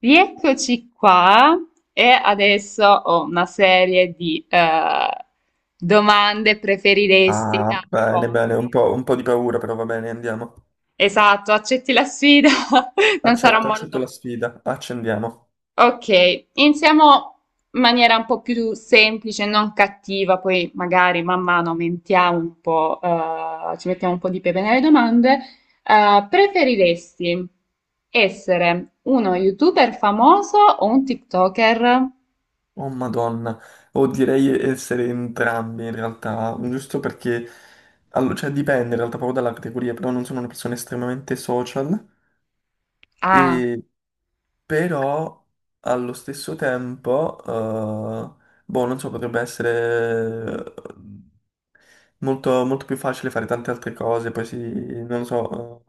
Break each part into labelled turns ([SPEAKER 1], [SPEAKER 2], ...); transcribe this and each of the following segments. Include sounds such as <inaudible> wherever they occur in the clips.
[SPEAKER 1] Rieccoci qua e adesso ho una serie di domande, preferiresti
[SPEAKER 2] Ah,
[SPEAKER 1] da
[SPEAKER 2] bene,
[SPEAKER 1] proporti.
[SPEAKER 2] bene, un po' di paura, però va bene, andiamo.
[SPEAKER 1] Esatto, accetti la sfida? <laughs> Non sarò
[SPEAKER 2] Accetto, accetto
[SPEAKER 1] molto...
[SPEAKER 2] la sfida, accendiamo.
[SPEAKER 1] Ok, iniziamo in maniera un po' più semplice, non cattiva, poi magari man mano aumentiamo un po', ci mettiamo un po' di pepe nelle domande. Preferiresti essere uno YouTuber famoso o un TikToker?
[SPEAKER 2] Oh Madonna, o direi essere entrambi in realtà, giusto perché, cioè dipende in realtà proprio dalla categoria, però non sono una persona estremamente social
[SPEAKER 1] Ah.
[SPEAKER 2] e però allo stesso tempo, boh, non so, potrebbe essere molto, molto più facile fare tante altre cose, poi si, non lo so,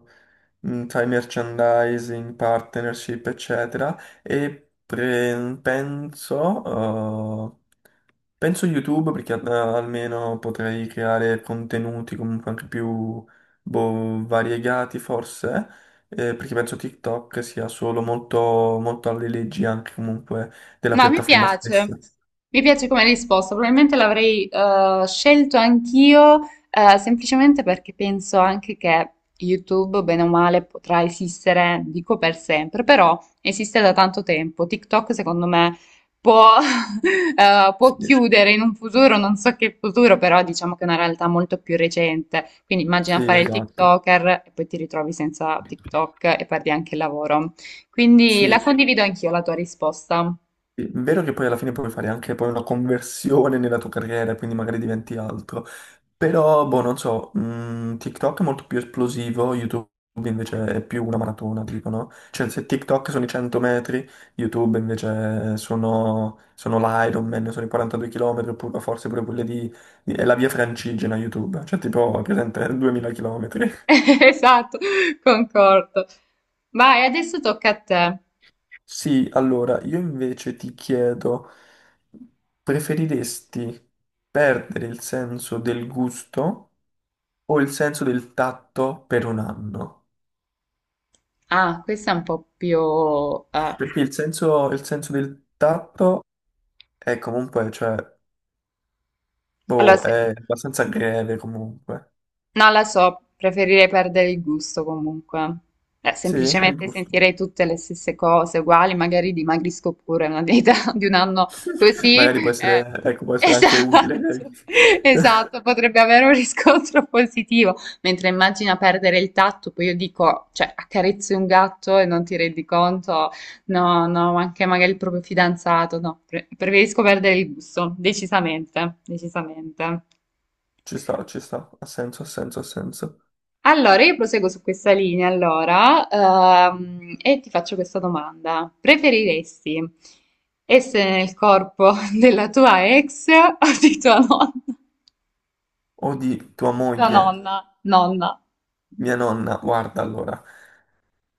[SPEAKER 2] sai, merchandising, partnership, eccetera, e penso, eh, penso YouTube perché almeno potrei creare contenuti comunque anche più boh, variegati forse, perché penso TikTok sia solo molto, molto alle leggi anche comunque della
[SPEAKER 1] No,
[SPEAKER 2] piattaforma stessa.
[SPEAKER 1] mi piace come risposta, probabilmente l'avrei scelto anch'io, semplicemente perché penso anche che YouTube, bene o male, potrà esistere, dico per sempre, però esiste da tanto tempo. TikTok, secondo me, può, <laughs> può
[SPEAKER 2] Sì,
[SPEAKER 1] chiudere in un futuro, non so che futuro, però diciamo che è una realtà molto più recente. Quindi
[SPEAKER 2] sì,
[SPEAKER 1] immagina fare il
[SPEAKER 2] esatto.
[SPEAKER 1] TikToker e poi ti ritrovi senza TikTok e perdi anche il lavoro. Quindi la
[SPEAKER 2] Sì,
[SPEAKER 1] condivido anch'io la tua risposta.
[SPEAKER 2] sì, vero che poi alla fine puoi fare anche poi una conversione nella tua carriera, quindi magari diventi altro. Però, boh, non so, TikTok è molto più esplosivo, YouTube invece è più una maratona, dicono. Cioè, se TikTok sono i 100 metri, YouTube invece sono, sono l'Ironman, sono i 42 km, oppure forse pure quelle di, è la via francigena YouTube, cioè tipo, è presente, 2000 km.
[SPEAKER 1] <laughs> Esatto, concordo. Vai, adesso tocca a te.
[SPEAKER 2] Sì, allora io invece ti chiedo, preferiresti perdere il senso del gusto o il senso del tatto per un anno?
[SPEAKER 1] Ah, questa è un po' più... eh.
[SPEAKER 2] Perché il senso del tatto è comunque, cioè,
[SPEAKER 1] Allora,
[SPEAKER 2] boh, è abbastanza greve comunque.
[SPEAKER 1] non la so, preferirei perdere il gusto comunque.
[SPEAKER 2] Sì, il
[SPEAKER 1] Semplicemente
[SPEAKER 2] gusto.
[SPEAKER 1] sentirei tutte le stesse cose uguali, magari dimagrisco pure una dieta <laughs> di un anno
[SPEAKER 2] <laughs>
[SPEAKER 1] così.
[SPEAKER 2] Magari può
[SPEAKER 1] eh,
[SPEAKER 2] essere, ecco, può essere anche utile.
[SPEAKER 1] Esatto, <laughs> esatto,
[SPEAKER 2] <laughs>
[SPEAKER 1] potrebbe avere un riscontro positivo. Mentre immagina perdere il tatto, poi io dico, cioè, accarezzi un gatto e non ti rendi conto, no, no, anche magari il proprio fidanzato, no, preferisco perdere il gusto, decisamente, decisamente.
[SPEAKER 2] Ci sta, ha senso, ha senso, ha senso.
[SPEAKER 1] Allora, io proseguo su questa linea, allora, e ti faccio questa domanda. Preferiresti essere nel corpo <laughs> della tua ex o di tua nonna?
[SPEAKER 2] O di tua
[SPEAKER 1] Tua
[SPEAKER 2] moglie,
[SPEAKER 1] nonna, nonna.
[SPEAKER 2] mia nonna, guarda allora.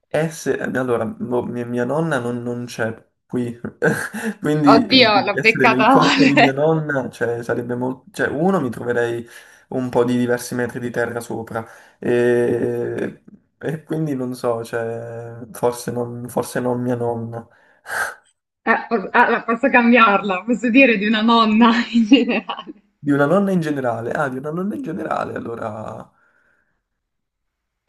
[SPEAKER 2] Allora, mia nonna non, non c'è qui, <laughs> quindi
[SPEAKER 1] Oddio, l'ho
[SPEAKER 2] essere nel
[SPEAKER 1] beccata
[SPEAKER 2] corpo
[SPEAKER 1] male.
[SPEAKER 2] di mia
[SPEAKER 1] <laughs>
[SPEAKER 2] nonna, cioè, sarebbe molto... Cioè, uno, mi troverei un po' di diversi metri di terra sopra, e, e quindi non so, cioè, forse non mia nonna.
[SPEAKER 1] Allora, posso cambiarla, posso dire di una nonna <laughs> in generale.
[SPEAKER 2] Di una nonna in generale, ah, di una nonna in generale, allora...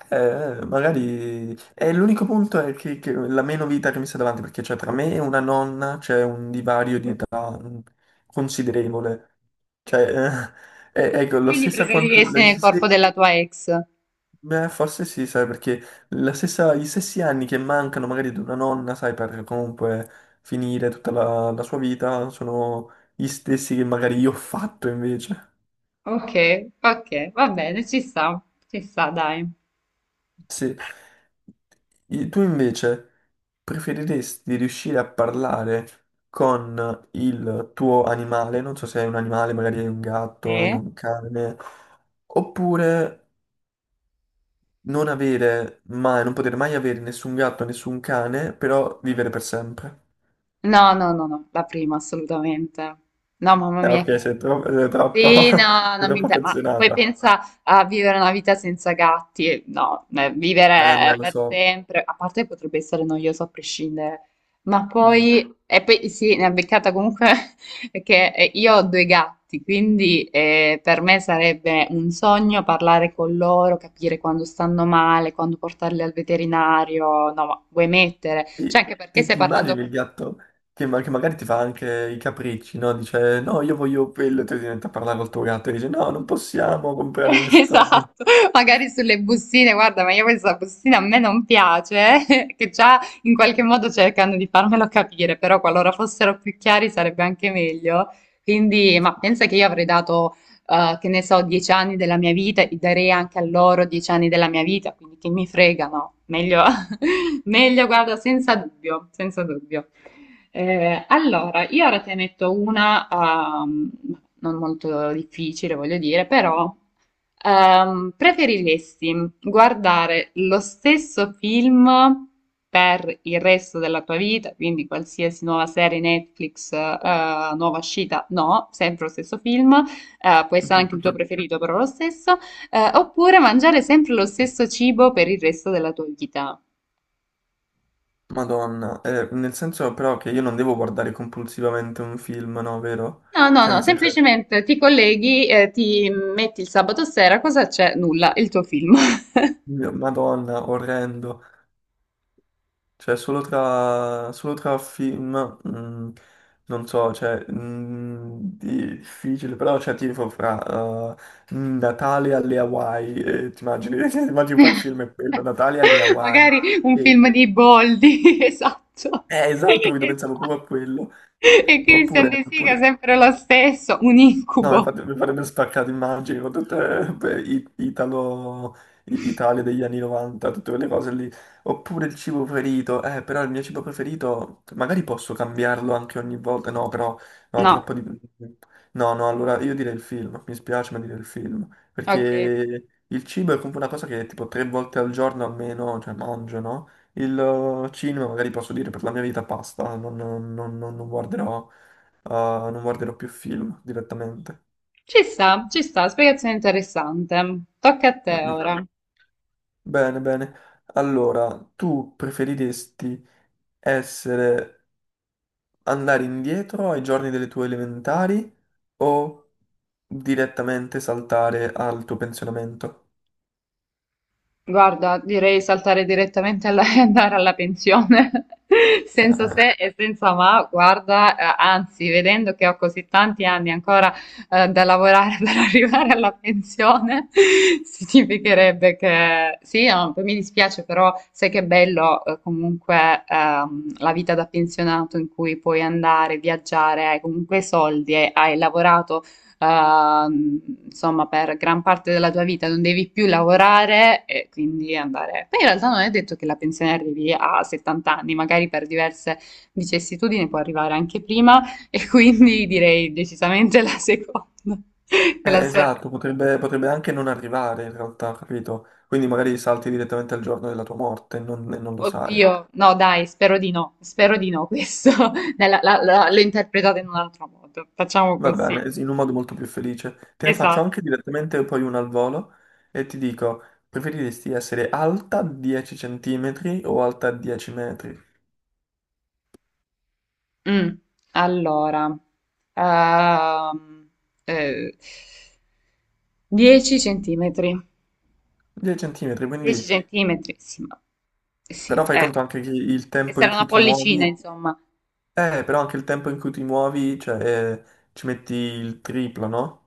[SPEAKER 2] Magari è l'unico punto è che la meno vita che mi sta davanti, perché cioè, tra me e una nonna c'è un divario di età considerevole. Cioè, <laughs> ecco, la
[SPEAKER 1] Quindi
[SPEAKER 2] stessa quantità,
[SPEAKER 1] preferiresti nel corpo della tua ex?
[SPEAKER 2] forse sì, sai, perché la stessa, gli stessi anni che mancano magari ad una nonna, sai, per comunque finire tutta la, la sua vita, sono gli stessi che magari io ho fatto invece.
[SPEAKER 1] Ok, ok, va bene, ci sta, dai.
[SPEAKER 2] Sì. Tu invece preferiresti riuscire a parlare con il tuo animale, non so se hai un animale, magari hai un gatto, hai
[SPEAKER 1] Sì.
[SPEAKER 2] un cane, oppure non avere mai, non poter mai avere nessun gatto, nessun cane, però vivere per sempre.
[SPEAKER 1] No, no, no, no, la prima assolutamente. No, mamma
[SPEAKER 2] Eh
[SPEAKER 1] mia, che...
[SPEAKER 2] ok, sei troppo,
[SPEAKER 1] Sì, no,
[SPEAKER 2] <laughs> sei
[SPEAKER 1] non mi
[SPEAKER 2] troppo
[SPEAKER 1] interessa. Ma poi
[SPEAKER 2] affezionata.
[SPEAKER 1] pensa a vivere una vita senza gatti. No,
[SPEAKER 2] Eh no,
[SPEAKER 1] vivere
[SPEAKER 2] lo
[SPEAKER 1] per
[SPEAKER 2] so.
[SPEAKER 1] sempre, a parte potrebbe essere noioso a prescindere. Ma poi, e poi sì, ne ha beccata comunque <laughs> che io ho due gatti, quindi per me sarebbe un sogno parlare con loro, capire quando stanno male, quando portarli al veterinario. No, ma vuoi mettere? Cioè,
[SPEAKER 2] Ti,
[SPEAKER 1] anche perché stai
[SPEAKER 2] ti
[SPEAKER 1] parlando.
[SPEAKER 2] immagini il gatto che, che magari ti fa anche i capricci, no? Dice no, io voglio quello, e tu ti metti a parlare col tuo gatto e dice no, non possiamo
[SPEAKER 1] <laughs>
[SPEAKER 2] comprare restaurante.
[SPEAKER 1] Esatto, magari sulle bustine, guarda, ma io questa bustina a me non piace, <laughs> che già in qualche modo cercano di farmelo capire, però qualora fossero più chiari sarebbe anche meglio. Quindi, ma pensa che io avrei dato, che ne so, 10 anni della mia vita, e darei anche a loro 10 anni della mia vita, quindi che mi fregano, meglio, <laughs> meglio, guarda, senza dubbio, senza dubbio. Allora, io ora te ne metto una, non molto difficile, voglio dire, però... preferiresti guardare lo stesso film per il resto della tua vita, quindi qualsiasi nuova serie Netflix, nuova uscita, no, sempre lo stesso film, può essere anche il tuo
[SPEAKER 2] <laughs>
[SPEAKER 1] preferito, però lo stesso, oppure mangiare sempre lo stesso cibo per il resto della tua vita?
[SPEAKER 2] Madonna, nel senso però che io non devo guardare compulsivamente un film, no, vero?
[SPEAKER 1] No, no,
[SPEAKER 2] Cioè
[SPEAKER 1] no,
[SPEAKER 2] nel senso,
[SPEAKER 1] semplicemente ti colleghi, ti metti il sabato sera, cosa c'è? Nulla, il tuo film. <laughs>
[SPEAKER 2] Madonna, orrendo. Cioè, solo tra film, mm, non so, cioè, mm, difficile, però, cioè, tipo fra Natale alle Hawaii, ti immagini, <laughs> ti immagini poi il film è quello,
[SPEAKER 1] <laughs>
[SPEAKER 2] Natale alle Hawaii.
[SPEAKER 1] Magari un
[SPEAKER 2] Eh,
[SPEAKER 1] film di Boldi, <laughs> esatto.
[SPEAKER 2] esatto, capito, pensavo
[SPEAKER 1] Esatto.
[SPEAKER 2] proprio a quello.
[SPEAKER 1] E Christian
[SPEAKER 2] Oppure,
[SPEAKER 1] De Sica
[SPEAKER 2] oppure-
[SPEAKER 1] sempre lo stesso, un
[SPEAKER 2] No,
[SPEAKER 1] incubo.
[SPEAKER 2] infatti mi farebbe spaccato, immagini, con tutte beh, Italo, Italia degli anni 90, tutte quelle cose lì. Oppure il cibo preferito, però il mio cibo preferito, magari posso cambiarlo anche ogni volta, no, però, no,
[SPEAKER 1] No,
[SPEAKER 2] troppo di... No, no, allora io direi il film, mi spiace ma direi il film,
[SPEAKER 1] ok.
[SPEAKER 2] perché il cibo è comunque una cosa che tipo tre volte al giorno almeno, cioè mangio, no? Il cinema magari posso dire per la mia vita basta, non, non guarderò... non guarderò più film direttamente.
[SPEAKER 1] Ci sta, spiegazione interessante. Tocca a te
[SPEAKER 2] Mm-mm.
[SPEAKER 1] ora.
[SPEAKER 2] Bene, bene. Allora, tu preferiresti essere andare indietro ai giorni delle tue elementari o direttamente saltare al tuo pensionamento?
[SPEAKER 1] Guarda, direi saltare direttamente alla, <laughs> e andare alla pensione, <laughs> senza
[SPEAKER 2] Ah,
[SPEAKER 1] se e senza ma, guarda, anzi, vedendo che ho così tanti anni ancora da lavorare <laughs> per arrivare alla pensione, <laughs> significherebbe che sì, no, mi dispiace, però sai che bello comunque la vita da pensionato in cui puoi andare, viaggiare, hai comunque soldi e hai lavorato ehm, insomma, per gran parte della tua vita non devi più lavorare e quindi andare. Poi in realtà non è detto che la pensione arrivi a 70 anni, magari per diverse vicissitudini può arrivare anche prima e <laughs> quindi direi decisamente la seconda. <laughs> Che la speranza.
[SPEAKER 2] esatto, potrebbe, potrebbe anche non arrivare in realtà, capito? Quindi magari salti direttamente al giorno della tua morte e non lo sai.
[SPEAKER 1] Oddio, no, dai, spero di no questo. <laughs> Dai, l'ho interpretata in un altro modo. Facciamo
[SPEAKER 2] Va
[SPEAKER 1] così.
[SPEAKER 2] bene, sì, in un modo molto più felice. Te ne faccio
[SPEAKER 1] Esatto.
[SPEAKER 2] anche direttamente poi uno al volo e ti dico, preferiresti essere alta 10 centimetri o alta 10 metri?
[SPEAKER 1] Mm, allora, ehm, eh, 10 centimetri.
[SPEAKER 2] 10 centimetri,
[SPEAKER 1] 10
[SPEAKER 2] quindi
[SPEAKER 1] centimetri, sì, ma
[SPEAKER 2] però
[SPEAKER 1] sì,
[SPEAKER 2] fai conto anche che il
[SPEAKER 1] e
[SPEAKER 2] tempo in
[SPEAKER 1] sarà una
[SPEAKER 2] cui ti
[SPEAKER 1] pollicina,
[SPEAKER 2] muovi,
[SPEAKER 1] insomma.
[SPEAKER 2] però anche il tempo in cui ti muovi, cioè, eh, ci metti il triplo, no?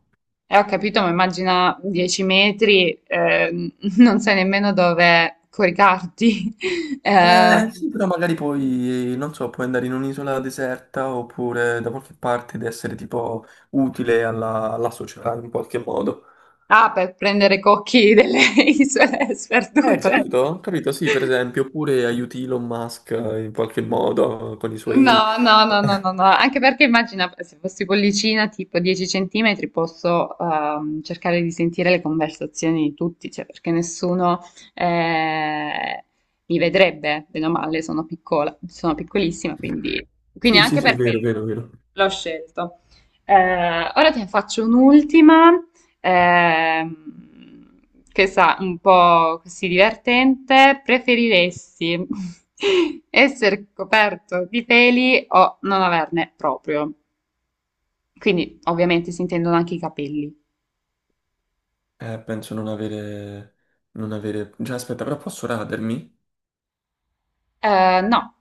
[SPEAKER 1] Ho capito, ma immagina 10 metri, <laughs> non sai nemmeno dove coricarti. <laughs> Ehm,
[SPEAKER 2] Sì, però magari poi, non so, puoi andare in un'isola deserta oppure da qualche parte ed essere tipo utile alla società in qualche modo.
[SPEAKER 1] ah, per prendere cocchi delle <laughs> isole sperdute.
[SPEAKER 2] Capito? Capito, sì, per esempio, oppure aiuti Elon Musk in qualche modo con i suoi...
[SPEAKER 1] No, no, no, no, no, no,
[SPEAKER 2] <laughs>
[SPEAKER 1] anche perché immagina se fossi pollicina tipo 10 centimetri posso cercare di sentire le conversazioni di tutti, cioè perché nessuno eh, mi vedrebbe, bene o male, sono piccola, sono piccolissima, quindi, quindi
[SPEAKER 2] Sì, sì,
[SPEAKER 1] anche
[SPEAKER 2] sì,
[SPEAKER 1] per
[SPEAKER 2] vero,
[SPEAKER 1] quello
[SPEAKER 2] vero, vero.
[SPEAKER 1] l'ho scelto. Eh, ora ti ne faccio un'ultima. Ehm, questa un po' così divertente. Preferiresti <laughs> essere coperto di peli o non averne proprio? Quindi, ovviamente, si intendono anche i capelli.
[SPEAKER 2] Penso non avere... non avere... Già, aspetta, però posso radermi?
[SPEAKER 1] No,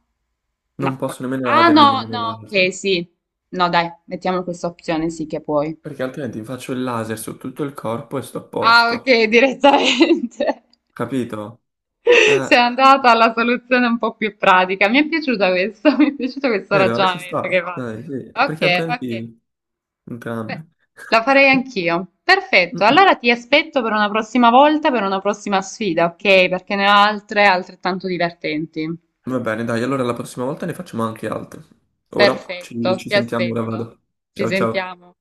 [SPEAKER 2] Non
[SPEAKER 1] no.
[SPEAKER 2] posso nemmeno
[SPEAKER 1] Ah,
[SPEAKER 2] radermi,
[SPEAKER 1] no,
[SPEAKER 2] nemmeno
[SPEAKER 1] no, ok,
[SPEAKER 2] laser.
[SPEAKER 1] sì. No, dai, mettiamo questa opzione, sì che puoi.
[SPEAKER 2] Perché altrimenti faccio il laser su tutto il corpo e sto a
[SPEAKER 1] Ah,
[SPEAKER 2] posto.
[SPEAKER 1] ok, direttamente. <laughs>
[SPEAKER 2] Capito?
[SPEAKER 1] <laughs>
[SPEAKER 2] Eh,
[SPEAKER 1] Sei andata alla soluzione un po' più pratica. Mi è piaciuta questo, <laughs> mi è piaciuto questo
[SPEAKER 2] vero? Ci
[SPEAKER 1] ragionamento che
[SPEAKER 2] sta.
[SPEAKER 1] fa.
[SPEAKER 2] Dai, sì. Perché
[SPEAKER 1] Ok, ok.
[SPEAKER 2] altrimenti...
[SPEAKER 1] Beh,
[SPEAKER 2] Entrambi.
[SPEAKER 1] la farei anch'io. Perfetto. Allora
[SPEAKER 2] <laughs>
[SPEAKER 1] ti aspetto per una prossima volta, per una prossima sfida, ok? Perché ne ho altre altrettanto divertenti.
[SPEAKER 2] Va bene, dai, allora la prossima volta ne facciamo anche altre. Ora ci,
[SPEAKER 1] Perfetto,
[SPEAKER 2] ci
[SPEAKER 1] ti
[SPEAKER 2] sentiamo, ora
[SPEAKER 1] aspetto.
[SPEAKER 2] vado.
[SPEAKER 1] Ci
[SPEAKER 2] Ciao ciao.
[SPEAKER 1] sentiamo.